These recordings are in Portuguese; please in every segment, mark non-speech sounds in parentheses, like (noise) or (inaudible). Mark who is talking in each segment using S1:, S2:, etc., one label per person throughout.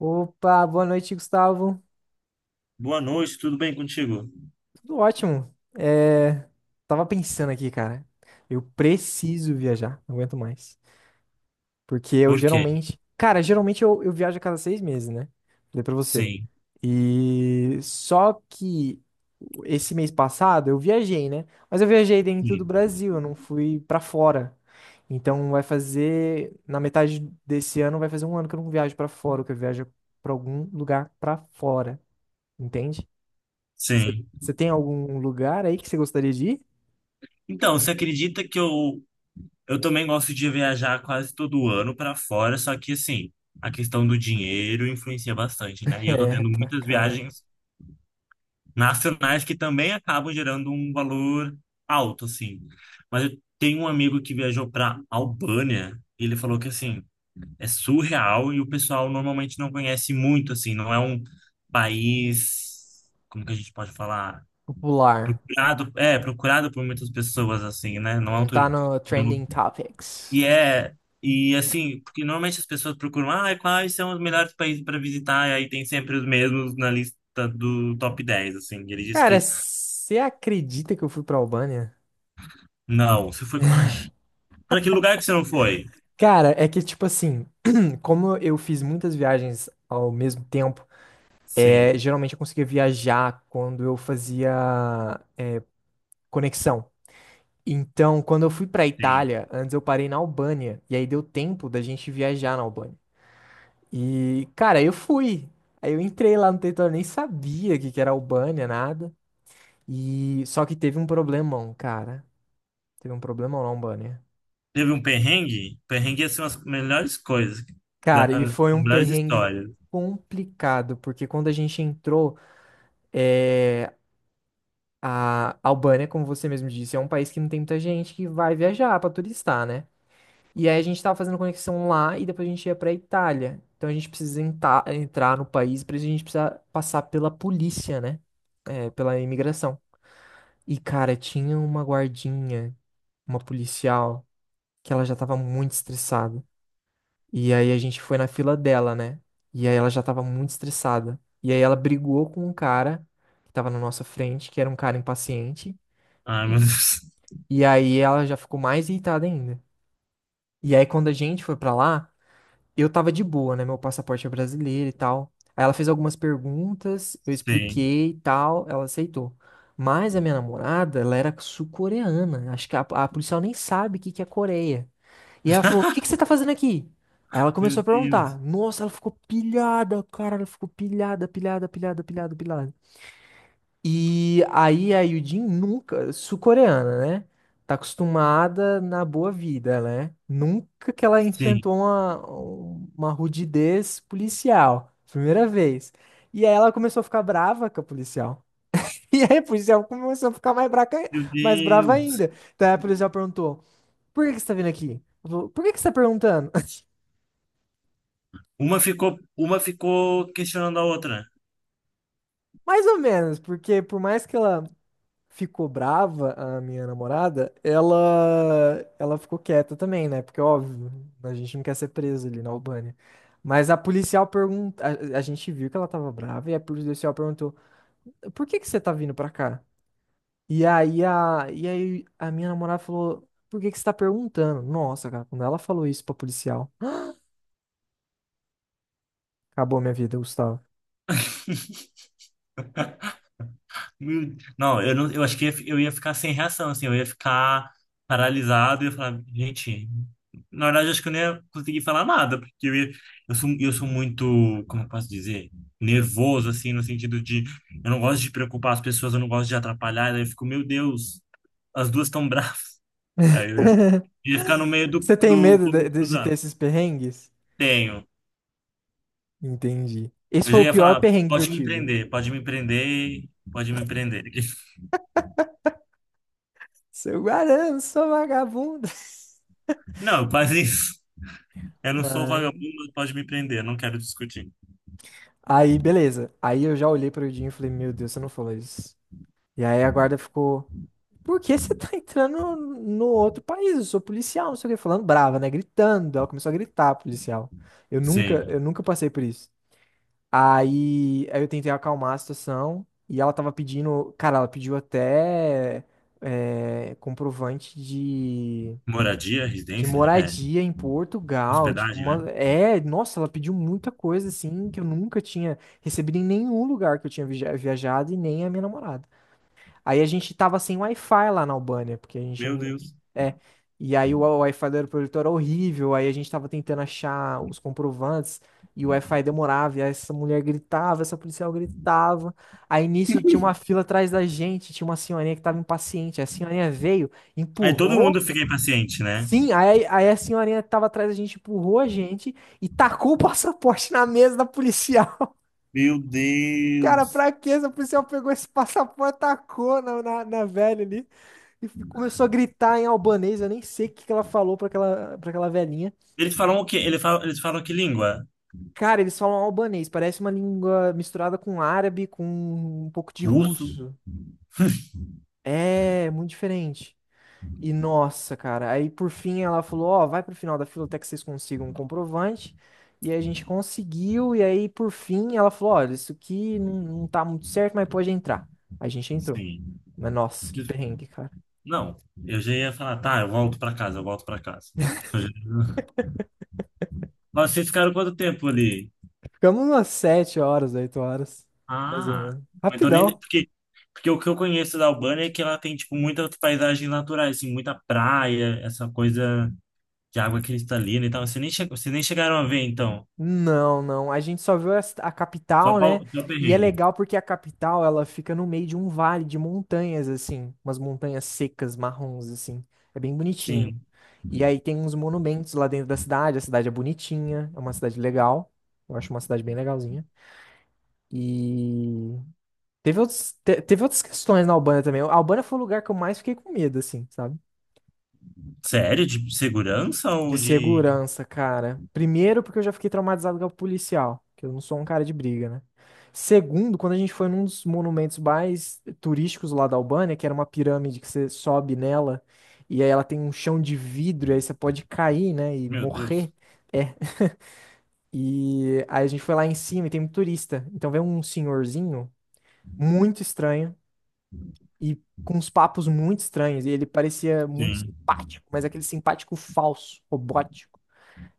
S1: Opa, boa noite, Gustavo.
S2: Boa noite, tudo bem contigo?
S1: Tudo ótimo. É, tava pensando aqui, cara. Eu preciso viajar, não aguento mais. Porque eu
S2: Por quê?
S1: geralmente. Cara, geralmente eu viajo a cada 6 meses, né? Falei pra você.
S2: Sim,
S1: E só que esse mês passado eu viajei, né? Mas eu viajei dentro do
S2: sim,
S1: Brasil, eu não fui pra fora. Então vai fazer. Na metade desse ano vai fazer um ano que eu não viajo pra fora, que eu viajo pra algum lugar pra fora. Entende? Você
S2: sim.
S1: você tem algum lugar aí que você gostaria de ir?
S2: Então, você acredita que eu também gosto de viajar quase todo ano para fora, só que assim, a questão do dinheiro influencia bastante, né? E eu tô
S1: É,
S2: tendo
S1: pra
S2: muitas
S1: cara
S2: viagens nacionais que também acabam gerando um valor alto, assim. Mas eu tenho um amigo que viajou para Albânia, e ele falou que assim, é surreal e o pessoal normalmente não conhece muito, assim, não é um país, como que a gente pode falar?
S1: popular.
S2: Procurado por muitas pessoas, assim, né? Não é um
S1: Não tá
S2: turismo.
S1: no Trending Topics.
S2: E é, e assim, porque normalmente as pessoas procuram, ah, quais são os melhores países para visitar, e aí tem sempre os mesmos na lista do top 10 assim.
S1: Cara, você acredita que eu fui pra Albânia?
S2: Não, você foi. Ai, para que lugar que você não foi?
S1: Cara, é que tipo assim, (clears throat) como eu fiz muitas viagens ao mesmo tempo,
S2: Sim,
S1: geralmente eu conseguia viajar quando eu fazia conexão. Então, quando eu fui pra
S2: sim.
S1: Itália, antes eu parei na Albânia, e aí deu tempo da gente viajar na Albânia. E, cara, eu fui. Aí eu entrei lá no território, nem sabia o que que era Albânia, nada. E só que teve um problemão, cara. Teve um problemão na Albânia.
S2: Teve um perrengue? Perrengue, é, assim, as melhores coisas,
S1: Cara, e
S2: as
S1: foi um
S2: melhores
S1: perrengue
S2: histórias.
S1: complicado, porque quando a gente entrou, é... a Albânia, como você mesmo disse, é um país que não tem muita gente que vai viajar pra turistar, né? E aí a gente tava fazendo conexão lá e depois a gente ia pra Itália. Então a gente precisa entrar no país, pra isso a gente precisa passar pela polícia, né? É, pela imigração. E, cara, tinha uma guardinha, uma policial, que ela já tava muito estressada. E aí a gente foi na fila dela, né? E aí ela já tava muito estressada. E aí ela brigou com um cara que tava na nossa frente, que era um cara impaciente.
S2: Ai, meu Deus. (laughs)
S1: E aí ela já ficou mais irritada ainda. E aí quando a gente foi pra lá. Eu tava de boa, né? Meu passaporte é brasileiro e tal. Aí ela fez algumas perguntas, eu
S2: Sim.
S1: expliquei e tal, ela aceitou. Mas a minha namorada, ela era sul-coreana. Acho que a policial nem sabe o que, que é Coreia. E ela falou: "O que, que você tá fazendo aqui?" Aí ela
S2: Meu
S1: começou a
S2: Deus.
S1: perguntar. Nossa, ela ficou pilhada, cara, ela ficou pilhada, pilhada, pilhada, pilhada, pilhada. E aí a Yudin nunca, sul-coreana, né? Tá acostumada na boa vida, né? Nunca que ela
S2: Sim.
S1: enfrentou uma rudidez policial. Primeira vez. E aí ela começou a ficar brava com a policial. (laughs) E aí a policial começou a ficar mais,
S2: Meu
S1: mais brava
S2: Deus.
S1: ainda. Daí a policial perguntou: "Por que que você tá vindo aqui?" Ela falou: "Por que que você tá perguntando?"
S2: Uma ficou questionando a outra.
S1: (laughs) Mais ou menos, porque por mais que ela ficou brava, a minha namorada, ela ficou quieta também, né? Porque, óbvio, a gente não quer ser preso ali na Albânia. Mas a policial pergunta, a gente viu que ela tava brava e a policial perguntou: "Por que que você tá vindo pra cá?" E aí a minha namorada falou: "Por que que você tá perguntando?" Nossa, cara, quando ela falou isso pra policial, (gasps) acabou minha vida, Gustavo.
S2: (laughs) Meu Deus. Não, eu acho que eu ia ficar sem reação, assim, eu ia ficar paralisado e ia falar, gente, na verdade eu acho que eu nem ia conseguir falar nada, porque eu sou muito, como eu posso dizer, nervoso, assim, no sentido de, eu não gosto de preocupar as pessoas, eu não gosto de atrapalhar, daí eu fico, meu Deus, as duas estão bravas. Aí eu
S1: (laughs)
S2: ia ficar no meio do,
S1: Você tem
S2: do
S1: medo de,
S2: fogo
S1: de ter
S2: cruzado.
S1: esses perrengues?
S2: Tenho.
S1: Entendi. Esse
S2: Eu já
S1: foi o
S2: ia
S1: pior
S2: falar,
S1: perrengue que eu
S2: pode me
S1: tive.
S2: prender, pode me prender, pode me prender. (laughs)
S1: Seu Guarano, sou vagabundo.
S2: Não, faz isso. Eu
S1: (laughs)
S2: não sou
S1: Ai.
S2: vagabundo, pode me prender, eu não quero discutir.
S1: Aí, beleza. Aí eu já olhei pro Dinho e falei: "Meu Deus, você não falou isso." E aí a guarda ficou: "Por que você tá entrando no outro país? Eu sou policial, não sei o que", falando brava, né? Gritando. Ela começou a gritar, policial.
S2: Sim.
S1: Eu nunca passei por isso. Aí eu tentei acalmar a situação e ela tava pedindo, cara, ela pediu até comprovante
S2: Moradia,
S1: de
S2: residência, é,
S1: moradia em Portugal, tipo,
S2: hospedagem, né?
S1: é, nossa, ela pediu muita coisa assim que eu nunca tinha recebido em nenhum lugar que eu tinha viajado e nem a minha namorada. Aí a gente tava sem Wi-Fi lá na Albânia, porque a gente
S2: Meu
S1: não
S2: Deus.
S1: é. E aí o Wi-Fi do aeroporto era horrível, aí a gente tava tentando achar os comprovantes e o Wi-Fi demorava, e aí essa mulher gritava, essa policial gritava. Aí nisso tinha uma fila atrás da gente, tinha uma senhorinha que tava impaciente. A senhorinha veio,
S2: Aí todo
S1: empurrou.
S2: mundo fica impaciente, né?
S1: Sim, aí a senhorinha tava atrás da gente, empurrou a gente e tacou o (laughs) passaporte na mesa da policial.
S2: Meu
S1: Cara,
S2: Deus.
S1: pra quê? Essa policial pegou esse passaporte, tacou na velha ali e começou a gritar em albanês. Eu nem sei o que que ela falou pra aquela velhinha.
S2: Eles falam o quê? Eles falam que língua?
S1: Cara, eles falam albanês, parece uma língua misturada com árabe, com um pouco de
S2: Russo?
S1: russo. É, muito diferente. E nossa, cara, aí por fim ela falou: "Ó, vai pro final da fila até que vocês consigam um comprovante." E aí a gente conseguiu, e aí por fim ela falou: "Olha, isso aqui não, não tá muito certo, mas pode entrar." A gente entrou.
S2: Sim.
S1: Mas nossa, que perrengue, cara.
S2: Não, eu já ia falar, tá, eu volto pra casa, eu volto pra casa. Eu já- Mas vocês ficaram quanto tempo ali?
S1: Ficamos umas 7 horas, 8 horas, mais ou
S2: Ah,
S1: menos.
S2: mas eu nem.
S1: Rapidão.
S2: Porque o que eu conheço da Albânia é que ela tem, tipo, muitas paisagens naturais, assim, muita praia, essa coisa de água cristalina e tal. Vocês nem chegaram a ver, então.
S1: Não, não, a gente só viu a capital, né?
S2: Só
S1: E é
S2: perrengue.
S1: legal porque a capital, ela fica no meio de um vale de montanhas, assim, umas montanhas secas, marrons, assim. É bem bonitinho.
S2: Sim.
S1: E aí tem uns monumentos lá dentro da cidade. A cidade é bonitinha, é uma cidade legal. Eu acho uma cidade bem legalzinha. E teve outros, teve outras questões na Albânia também. A Albânia foi o lugar que eu mais fiquei com medo, assim, sabe?
S2: Sério? De segurança ou
S1: De
S2: de.
S1: segurança, cara. Primeiro, porque eu já fiquei traumatizado com o policial, que eu não sou um cara de briga, né? Segundo, quando a gente foi num dos monumentos mais turísticos lá da Albânia, que era uma pirâmide que você sobe nela, e aí ela tem um chão de vidro, e aí você pode cair, né, e
S2: Meu Deus.
S1: morrer. E aí a gente foi lá em cima e tem muito turista. Então veio um senhorzinho muito estranho e com uns papos muito estranhos. E ele parecia muito
S2: Sim.
S1: simpático, mas aquele simpático falso, robótico.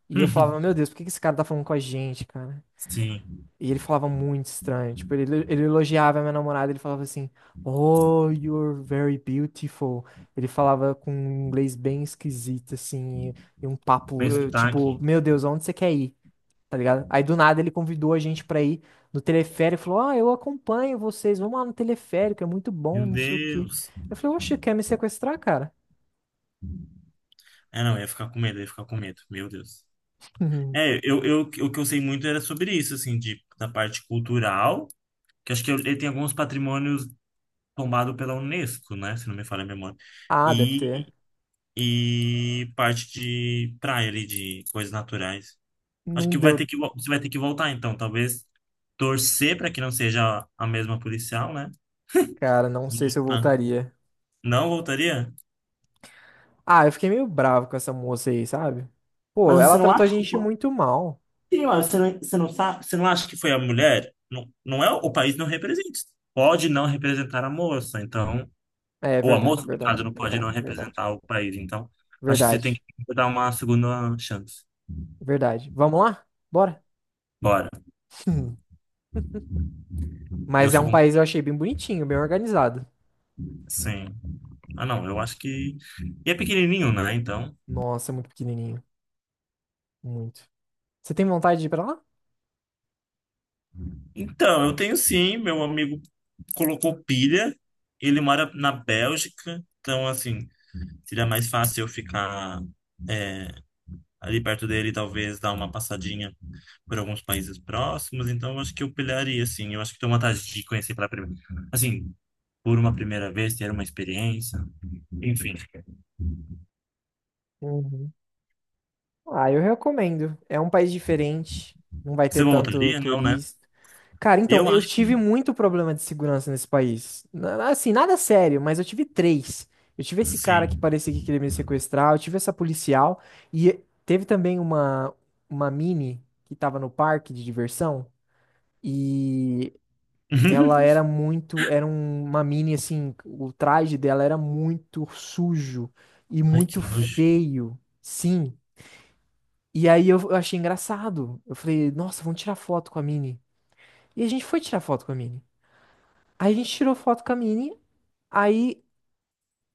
S1: E eu
S2: (laughs)
S1: falava: "Meu Deus, por que que esse cara tá falando com a gente, cara?"
S2: Sim.
S1: E ele falava muito estranho. Tipo, ele elogiava a minha namorada, ele falava assim: "Oh, you're very beautiful." Ele falava com um inglês bem esquisito, assim, e um papo,
S2: Bem
S1: tipo:
S2: sotaque.
S1: "Meu Deus, aonde você quer ir?" Tá ligado? Aí do nada ele convidou a gente pra ir no teleférico, falou: "Ah, eu acompanho vocês, vamos lá no teleférico, é muito bom,
S2: Meu
S1: não sei o quê."
S2: Deus.
S1: Eu falei: "Oxe, quer me sequestrar, cara?"
S2: É, não, eu ia ficar com medo, eu ia ficar com medo. Meu Deus. É,
S1: (laughs)
S2: o que eu sei muito era sobre isso, assim, da parte cultural, que acho que ele tem alguns patrimônios tombado pela Unesco, né? Se não me falha a memória.
S1: Ah, deve ter.
S2: E, e parte de praia ali, de coisas naturais. Acho
S1: Não
S2: que vai
S1: deu,
S2: ter que, vo- você vai ter que voltar, então. Talvez torcer para que não seja a mesma policial, né?
S1: cara, não sei
S2: E,
S1: se eu
S2: tá.
S1: voltaria.
S2: Não voltaria?
S1: Ah, eu fiquei meio bravo com essa moça aí, sabe?
S2: Mas
S1: Pô,
S2: você
S1: ela
S2: não
S1: tratou a
S2: acha que.
S1: gente
S2: Pô,
S1: muito mal.
S2: sim, mas você não sabe, você não acha que foi a mulher? Não, não é, o país não representa. Pode não representar a moça, então.
S1: É, é
S2: Ou a moça,
S1: verdade,
S2: no caso,
S1: verdade,
S2: não pode não
S1: verdade, verdade.
S2: representar o país. Então, acho que você tem
S1: Verdade,
S2: que dar uma segunda chance.
S1: verdade. Vamos lá? Bora.
S2: Bora.
S1: (laughs)
S2: Eu
S1: Mas é
S2: sou
S1: um
S2: com.
S1: país, eu achei bem bonitinho, bem organizado.
S2: Sim. Ah, não, eu acho que. E é pequenininho, né? Então.
S1: Nossa, muito pequenininho. Muito. Você tem vontade de ir pra lá?
S2: Então, eu tenho sim. Meu amigo colocou pilha. Ele mora na Bélgica. Então, assim, seria mais fácil eu ficar é, ali perto dele, talvez dar uma passadinha por alguns países próximos. Então, eu acho que eu pilharia, assim. Eu acho que tem uma vontade de conhecer pela primeira. Assim, por uma primeira vez, ter uma experiência. Enfim.
S1: Uhum. Ah, eu recomendo. É um país diferente, não vai
S2: Você
S1: ter tanto
S2: voltaria? Não, né?
S1: turista. Cara, então,
S2: Eu
S1: eu
S2: acho
S1: tive
S2: que.
S1: muito problema de segurança nesse país. Assim, nada sério, mas eu tive três. Eu tive esse cara que
S2: Sim.
S1: parecia que queria me sequestrar, eu tive essa policial e teve também uma mini que tava no parque de diversão e ela era
S2: (laughs)
S1: muito, era uma mini assim, o traje dela era muito sujo e
S2: Ai, que
S1: muito
S2: nojo.
S1: feio. Sim. E aí eu achei engraçado. Eu falei: "Nossa, vamos tirar foto com a Minnie." E a gente foi tirar foto com a Minnie. Aí a gente tirou foto com a Minnie, aí,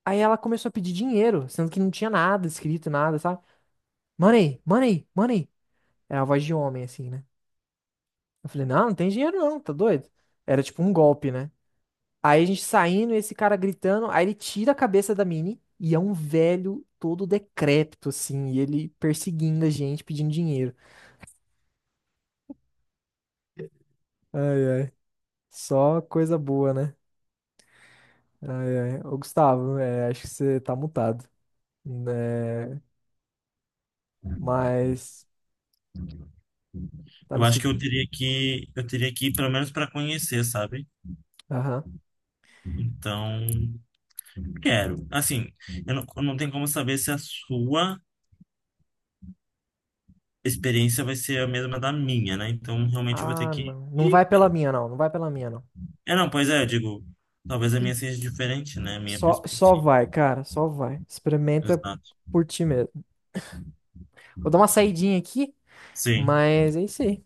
S1: aí ela começou a pedir dinheiro, sendo que não tinha nada escrito, nada, sabe? Money, money, money. Era a voz de homem, assim, né? Eu falei: "Não, não tem dinheiro não, tá doido?" Era tipo um golpe, né? Aí a gente saindo, esse cara gritando, aí ele tira a cabeça da Minnie e é um velho todo decrépito, assim, e ele perseguindo a gente, pedindo dinheiro. Só coisa boa, né? Ô, Gustavo, acho que você tá mutado, né? Mas tá
S2: Eu
S1: me
S2: acho que
S1: escutando?
S2: eu teria que ir pelo menos para conhecer, sabe?
S1: Aham.
S2: Então, quero. Assim, eu não tenho como saber se a sua experiência vai ser a mesma da minha, né? Então, realmente eu vou ter
S1: Ah,
S2: que
S1: não. Não
S2: ir.
S1: vai pela minha, não. Não vai pela minha, não.
S2: É, não, pois é, eu digo, talvez a minha seja diferente, né? A minha
S1: Só, só
S2: perspectiva.
S1: vai, cara. Só vai. Experimenta
S2: Exato.
S1: por ti mesmo. Vou dar uma saidinha aqui,
S2: Sim.
S1: mas é isso aí.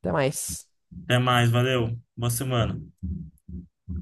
S1: Até mais.
S2: Até mais, valeu. Boa semana.